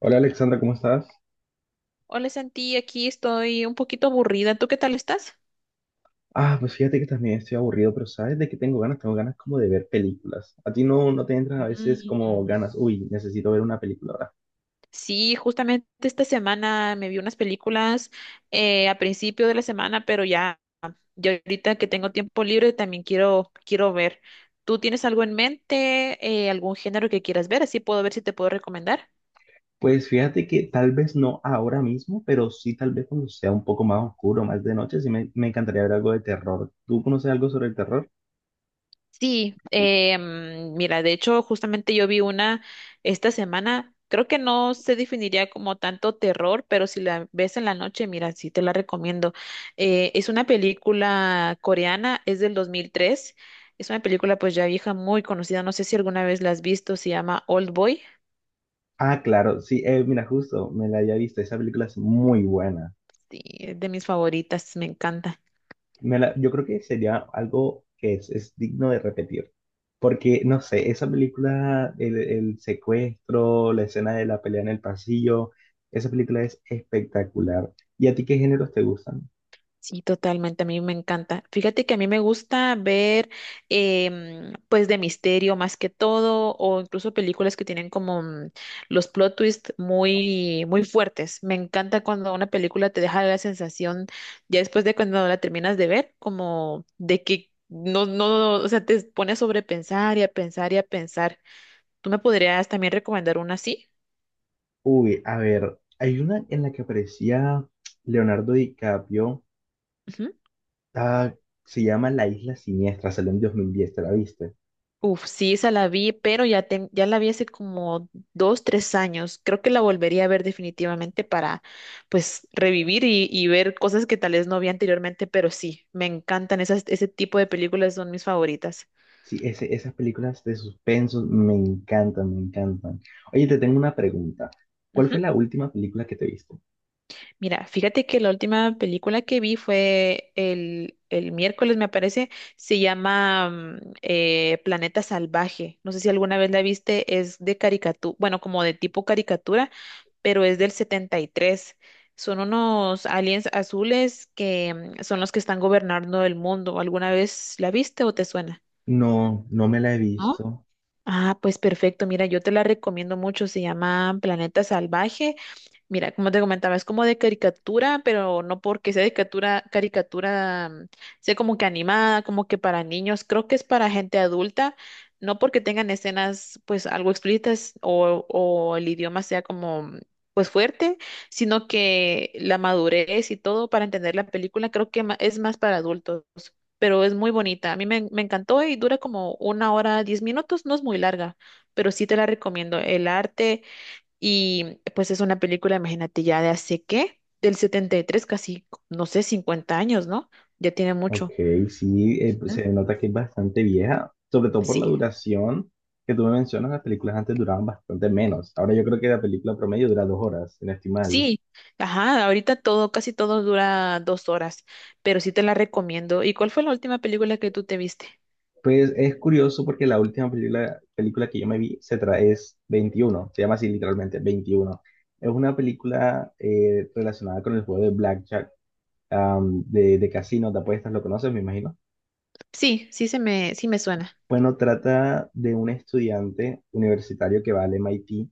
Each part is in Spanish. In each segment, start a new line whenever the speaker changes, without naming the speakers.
Hola Alexandra, ¿cómo estás?
Hola Santi, aquí estoy un poquito aburrida. ¿Tú qué tal estás?
Ah, pues fíjate que también estoy aburrido, pero ¿sabes de qué tengo ganas? Tengo ganas como de ver películas. ¿A ti no, no te entran a veces como
Mm.
ganas? Uy, necesito ver una película ahora.
Sí, justamente esta semana me vi unas películas a principio de la semana, pero ya, ya ahorita que tengo tiempo libre también quiero, quiero ver. ¿Tú tienes algo en mente, algún género que quieras ver? Así puedo ver si te puedo recomendar.
Pues fíjate que tal vez no ahora mismo, pero sí tal vez cuando sea un poco más oscuro, más de noche, sí me encantaría ver algo de terror. ¿Tú conoces algo sobre el terror?
Sí, mira, de hecho, justamente yo vi una esta semana. Creo que no se definiría como tanto terror, pero si la ves en la noche, mira, sí te la recomiendo. Es una película coreana, es del 2003. Es una película pues ya vieja, muy conocida, no sé si alguna vez la has visto, se llama Old Boy.
Ah, claro, sí, mira, justo, me la había visto, esa película es muy buena.
Sí, es de mis favoritas, me encanta.
Yo creo que sería algo que es digno de repetir. Porque, no sé, esa película, el secuestro, la escena de la pelea en el pasillo, esa película es espectacular. ¿Y a ti qué géneros te gustan?
Sí, totalmente, a mí me encanta. Fíjate que a mí me gusta ver, pues, de misterio más que todo, o incluso películas que tienen como los plot twists muy, muy fuertes. Me encanta cuando una película te deja la sensación, ya después de cuando la terminas de ver, como de que no, no, o sea, te pone a sobrepensar y a pensar y a pensar. ¿Tú me podrías también recomendar una así?
Uy, a ver, hay una en la que aparecía Leonardo DiCaprio,
Ujú.
ah, se llama La Isla Siniestra, salió en 2010, ¿te la viste?
Uf, sí, esa la vi, pero ya, ya la vi hace como 2, 3 años. Creo que la volvería a ver definitivamente para, pues, revivir y ver cosas que tal vez no vi anteriormente, pero sí, me encantan esas, ese tipo de películas, son mis favoritas.
Sí, ese, esas películas de suspenso me encantan, me encantan. Oye, te tengo una pregunta. ¿Cuál fue la última película que te viste?
Mira, fíjate que la última película que vi fue el miércoles, me parece. Se llama Planeta Salvaje. No sé si alguna vez la viste, es de caricatura, bueno, como de tipo caricatura, pero es del 73. Son unos aliens azules que son los que están gobernando el mundo. ¿Alguna vez la viste o te suena?
No, no me la he visto.
Ah, pues perfecto. Mira, yo te la recomiendo mucho. Se llama Planeta Salvaje. Mira, como te comentaba, es como de caricatura, pero no porque sea de caricatura, caricatura, sea como que animada, como que para niños. Creo que es para gente adulta, no porque tengan escenas, pues, algo explícitas o el idioma sea como, pues, fuerte, sino que la madurez y todo para entender la película, creo que es más para adultos, pero es muy bonita. A mí me encantó y dura como una hora, 10 minutos, no es muy larga, pero sí te la recomiendo. El arte, y pues es una película, imagínate, ya de hace qué, del 73, casi, no sé, 50 años, ¿no? Ya tiene
Ok,
mucho.
sí, pues,
¿Mm?
se nota que es bastante vieja, sobre todo por la
Sí.
duración que tú me mencionas, las películas antes duraban bastante menos. Ahora yo creo que la película promedio dura 2 horas, si no estoy mal.
Sí, ajá, ahorita todo, casi todo dura 2 horas, pero sí te la recomiendo. ¿Y cuál fue la última película que tú te viste?
Pues es curioso porque la última película que yo me vi, se trae es 21, se llama así literalmente 21. Es una película relacionada con el juego de Blackjack, de casino, de apuestas, ¿lo conoces, me imagino?
Sí, sí me suena.
Bueno, trata de un estudiante universitario que va al MIT.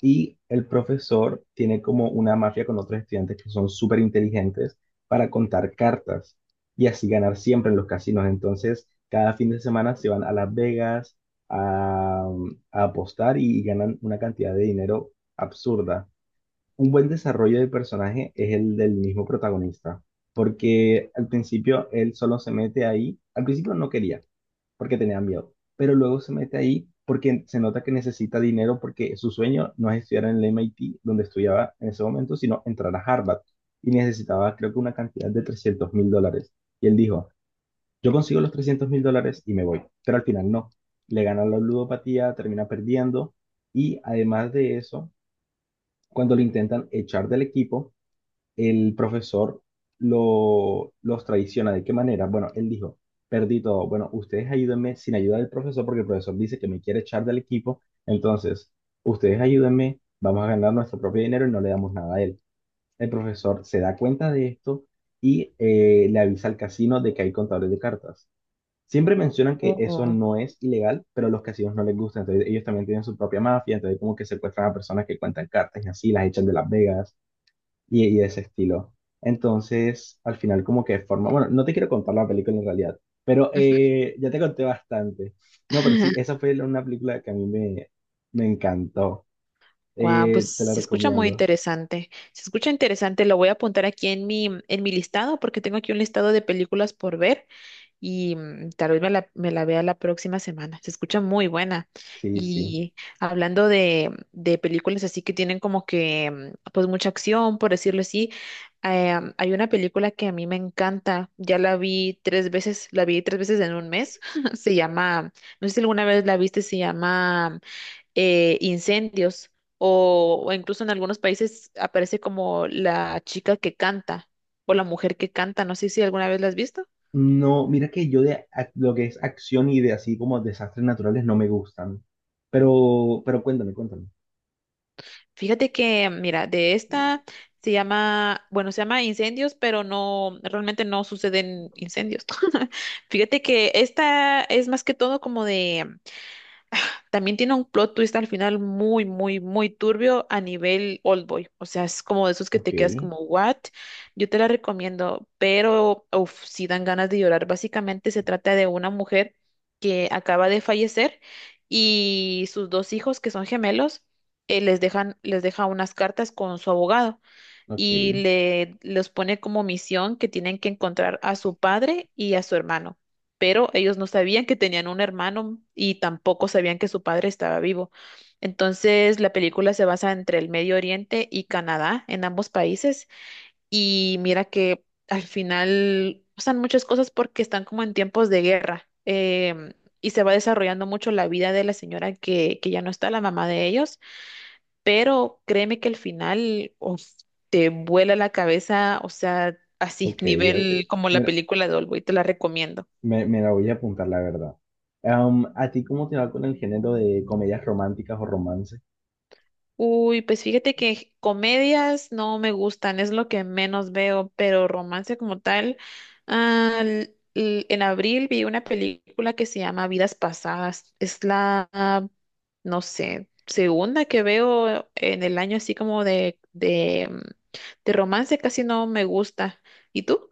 Y el profesor tiene como una mafia con otros estudiantes que son súper inteligentes para contar cartas y así ganar siempre en los casinos. Entonces, cada fin de semana se van a Las Vegas a, a apostar y ganan una cantidad de dinero absurda. Un buen desarrollo de personaje es el del mismo protagonista, porque al principio él solo se mete ahí, al principio no quería, porque tenía miedo, pero luego se mete ahí porque se nota que necesita dinero porque su sueño no es estudiar en el MIT, donde estudiaba en ese momento, sino entrar a Harvard y necesitaba creo que una cantidad de $300.000. Y él dijo, yo consigo los $300.000 y me voy, pero al final no, le gana la ludopatía, termina perdiendo y además de eso, cuando lo intentan echar del equipo, el profesor los traiciona. ¿De qué manera? Bueno, él dijo, perdí todo. Bueno, ustedes ayúdenme sin ayuda del profesor porque el profesor dice que me quiere echar del equipo. Entonces, ustedes ayúdenme, vamos a ganar nuestro propio dinero y no le damos nada a él. El profesor se da cuenta de esto y le avisa al casino de que hay contadores de cartas. Siempre mencionan que eso
Oh.
no es ilegal, pero a los casinos no les gusta, entonces ellos también tienen su propia mafia, entonces como que secuestran a personas que cuentan cartas y así las echan de Las Vegas y de ese estilo. Entonces, al final como que forma, bueno, no te quiero contar la película en realidad, pero
Ujú.
ya te conté bastante. No, pero sí, esa fue una película que a mí me encantó.
Guau, pues
Te la
se escucha muy
recomiendo.
interesante. Se escucha interesante, lo voy a apuntar aquí en mi listado porque tengo aquí un listado de películas por ver y tal vez me la vea la próxima semana. Se escucha muy buena.
Sí, sí.
Y hablando de películas así que tienen como que pues mucha acción, por decirlo así, hay una película que a mí me encanta. Ya la vi tres veces, la vi tres veces en un mes. Se llama, no sé si alguna vez la viste, se llama incendios, o incluso en algunos países aparece como la chica que canta o la mujer que canta. No sé si alguna vez la has visto.
No, mira que yo lo que es acción y de así como desastres naturales no me gustan. Pero cuéntame, cuéntame.
Fíjate que, mira, de esta se llama, bueno, se llama incendios, pero no, realmente no suceden incendios. Fíjate que esta es más que todo como de. También tiene un plot twist al final muy, muy, muy turbio a nivel Oldboy. O sea, es como de esos que
Ok,
te quedas como, ¿what? Yo te la recomiendo, pero uf, sí dan ganas de llorar. Básicamente se trata de una mujer que acaba de fallecer y sus dos hijos, que son gemelos. Les deja unas cartas con su abogado
ok,
y le los pone como misión que tienen que encontrar a su padre y a su hermano. Pero ellos no sabían que tenían un hermano y tampoco sabían que su padre estaba vivo. Entonces, la película se basa entre el Medio Oriente y Canadá, en ambos países, y mira que al final pasan muchas cosas porque están como en tiempos de guerra. em, y se va desarrollando mucho la vida de la señora que ya no está, la mamá de ellos, pero créeme que al final, uf, te vuela la cabeza, o sea, así,
ok, ok.
nivel como la
Mira,
película de Oldboy, te la recomiendo.
me la voy a apuntar, la verdad. ¿A ti cómo te va con el género de comedias románticas o romance?
Uy, pues fíjate que comedias no me gustan, es lo que menos veo, pero romance como tal, en abril vi una película que se llama Vidas Pasadas, es la, no sé, segunda que veo en el año así como de romance, casi no me gusta. ¿Y tú?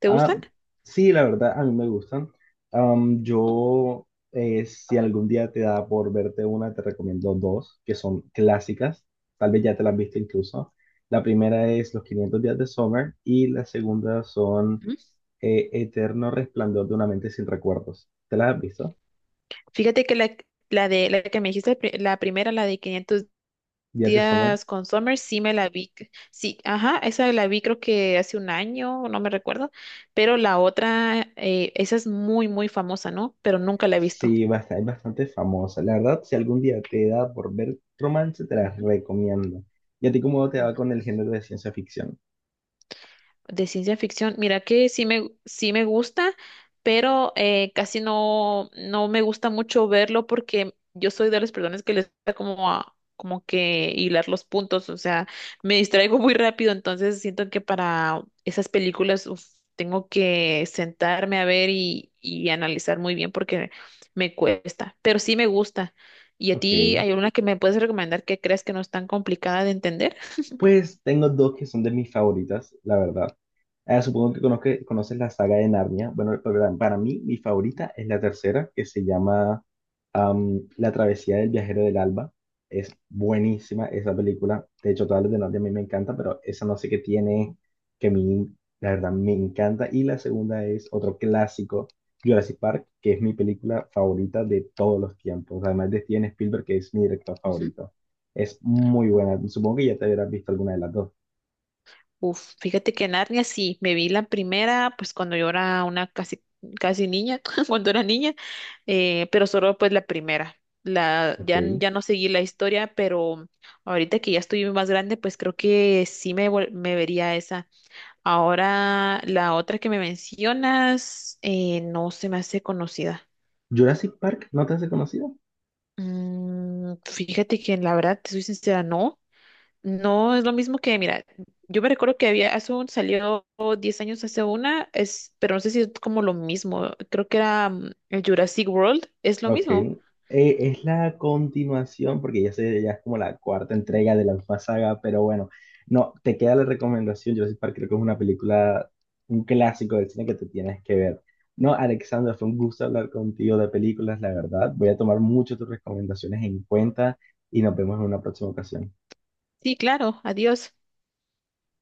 ¿Te gusta?
Ah, sí, la verdad, a mí me gustan. Si algún día te da por verte una, te recomiendo dos, que son clásicas. Tal vez ya te las viste incluso. La primera es Los 500 días de Summer y la segunda son
Ujú.
Eterno Resplandor de una mente sin recuerdos. ¿Te las has visto?
Fíjate que la de la que me dijiste, la primera, la de 500
Días de Summer.
días con Summer, sí me la vi. Sí, ajá, esa la vi creo que hace un año, no me recuerdo, pero la otra, esa es muy, muy famosa, ¿no? Pero nunca la he visto.
Sí, basta, es bastante famosa. La verdad, si algún día te da por ver romance, te la
Ujú.
recomiendo. ¿Y a ti cómo te va
Ujú.
con el género de ciencia ficción?
De ciencia ficción, mira que sí me gusta, pero casi no, no me gusta mucho verlo porque yo soy de las personas que les gusta como como que hilar los puntos, o sea, me distraigo muy rápido, entonces siento que para esas películas, uf, tengo que sentarme a ver y analizar muy bien porque me cuesta, pero sí me gusta. ¿Y a
Ok.
ti hay una que me puedes recomendar que creas que no es tan complicada de entender?
Pues tengo dos que son de mis favoritas, la verdad. Supongo que conoces la saga de Narnia. Bueno, para mí, mi favorita es la tercera, que se llama La travesía del viajero del alba. Es buenísima esa película. De hecho, todas las de Narnia a mí me encantan, pero esa no sé qué tiene, que a mí, la verdad, me encanta. Y la segunda es otro clásico, Jurassic Park, que es mi película favorita de todos los tiempos. Además de Steven Spielberg, que es mi director favorito. Es muy
Ujú.
buena. Supongo que ya te habrás visto alguna de las dos.
Uf, fíjate que Narnia sí, me vi la primera, pues cuando yo era una casi, casi niña, cuando era niña, pero solo pues la primera.
Ok.
Ya, ya no seguí la historia, pero ahorita que ya estoy más grande, pues creo que sí me vería esa. Ahora, la otra que me mencionas, no se me hace conocida.
Jurassic Park, ¿no te has conocido?
Fíjate que la verdad, te soy sincera, no. No, es lo mismo que, mira, yo me recuerdo que había, salió 10 años hace una, pero no sé si es como lo mismo, creo que era el Jurassic World, es lo
Ok.
mismo.
Es la continuación, porque ya sé, ya es como la cuarta entrega de la misma saga, pero bueno, no, te queda la recomendación. Jurassic Park creo que es una película, un clásico del cine que te tienes que ver. No, Alexandra, fue un gusto hablar contigo de películas, la verdad. Voy a tomar mucho tus recomendaciones en cuenta y nos vemos en una próxima ocasión.
Sí, claro, adiós.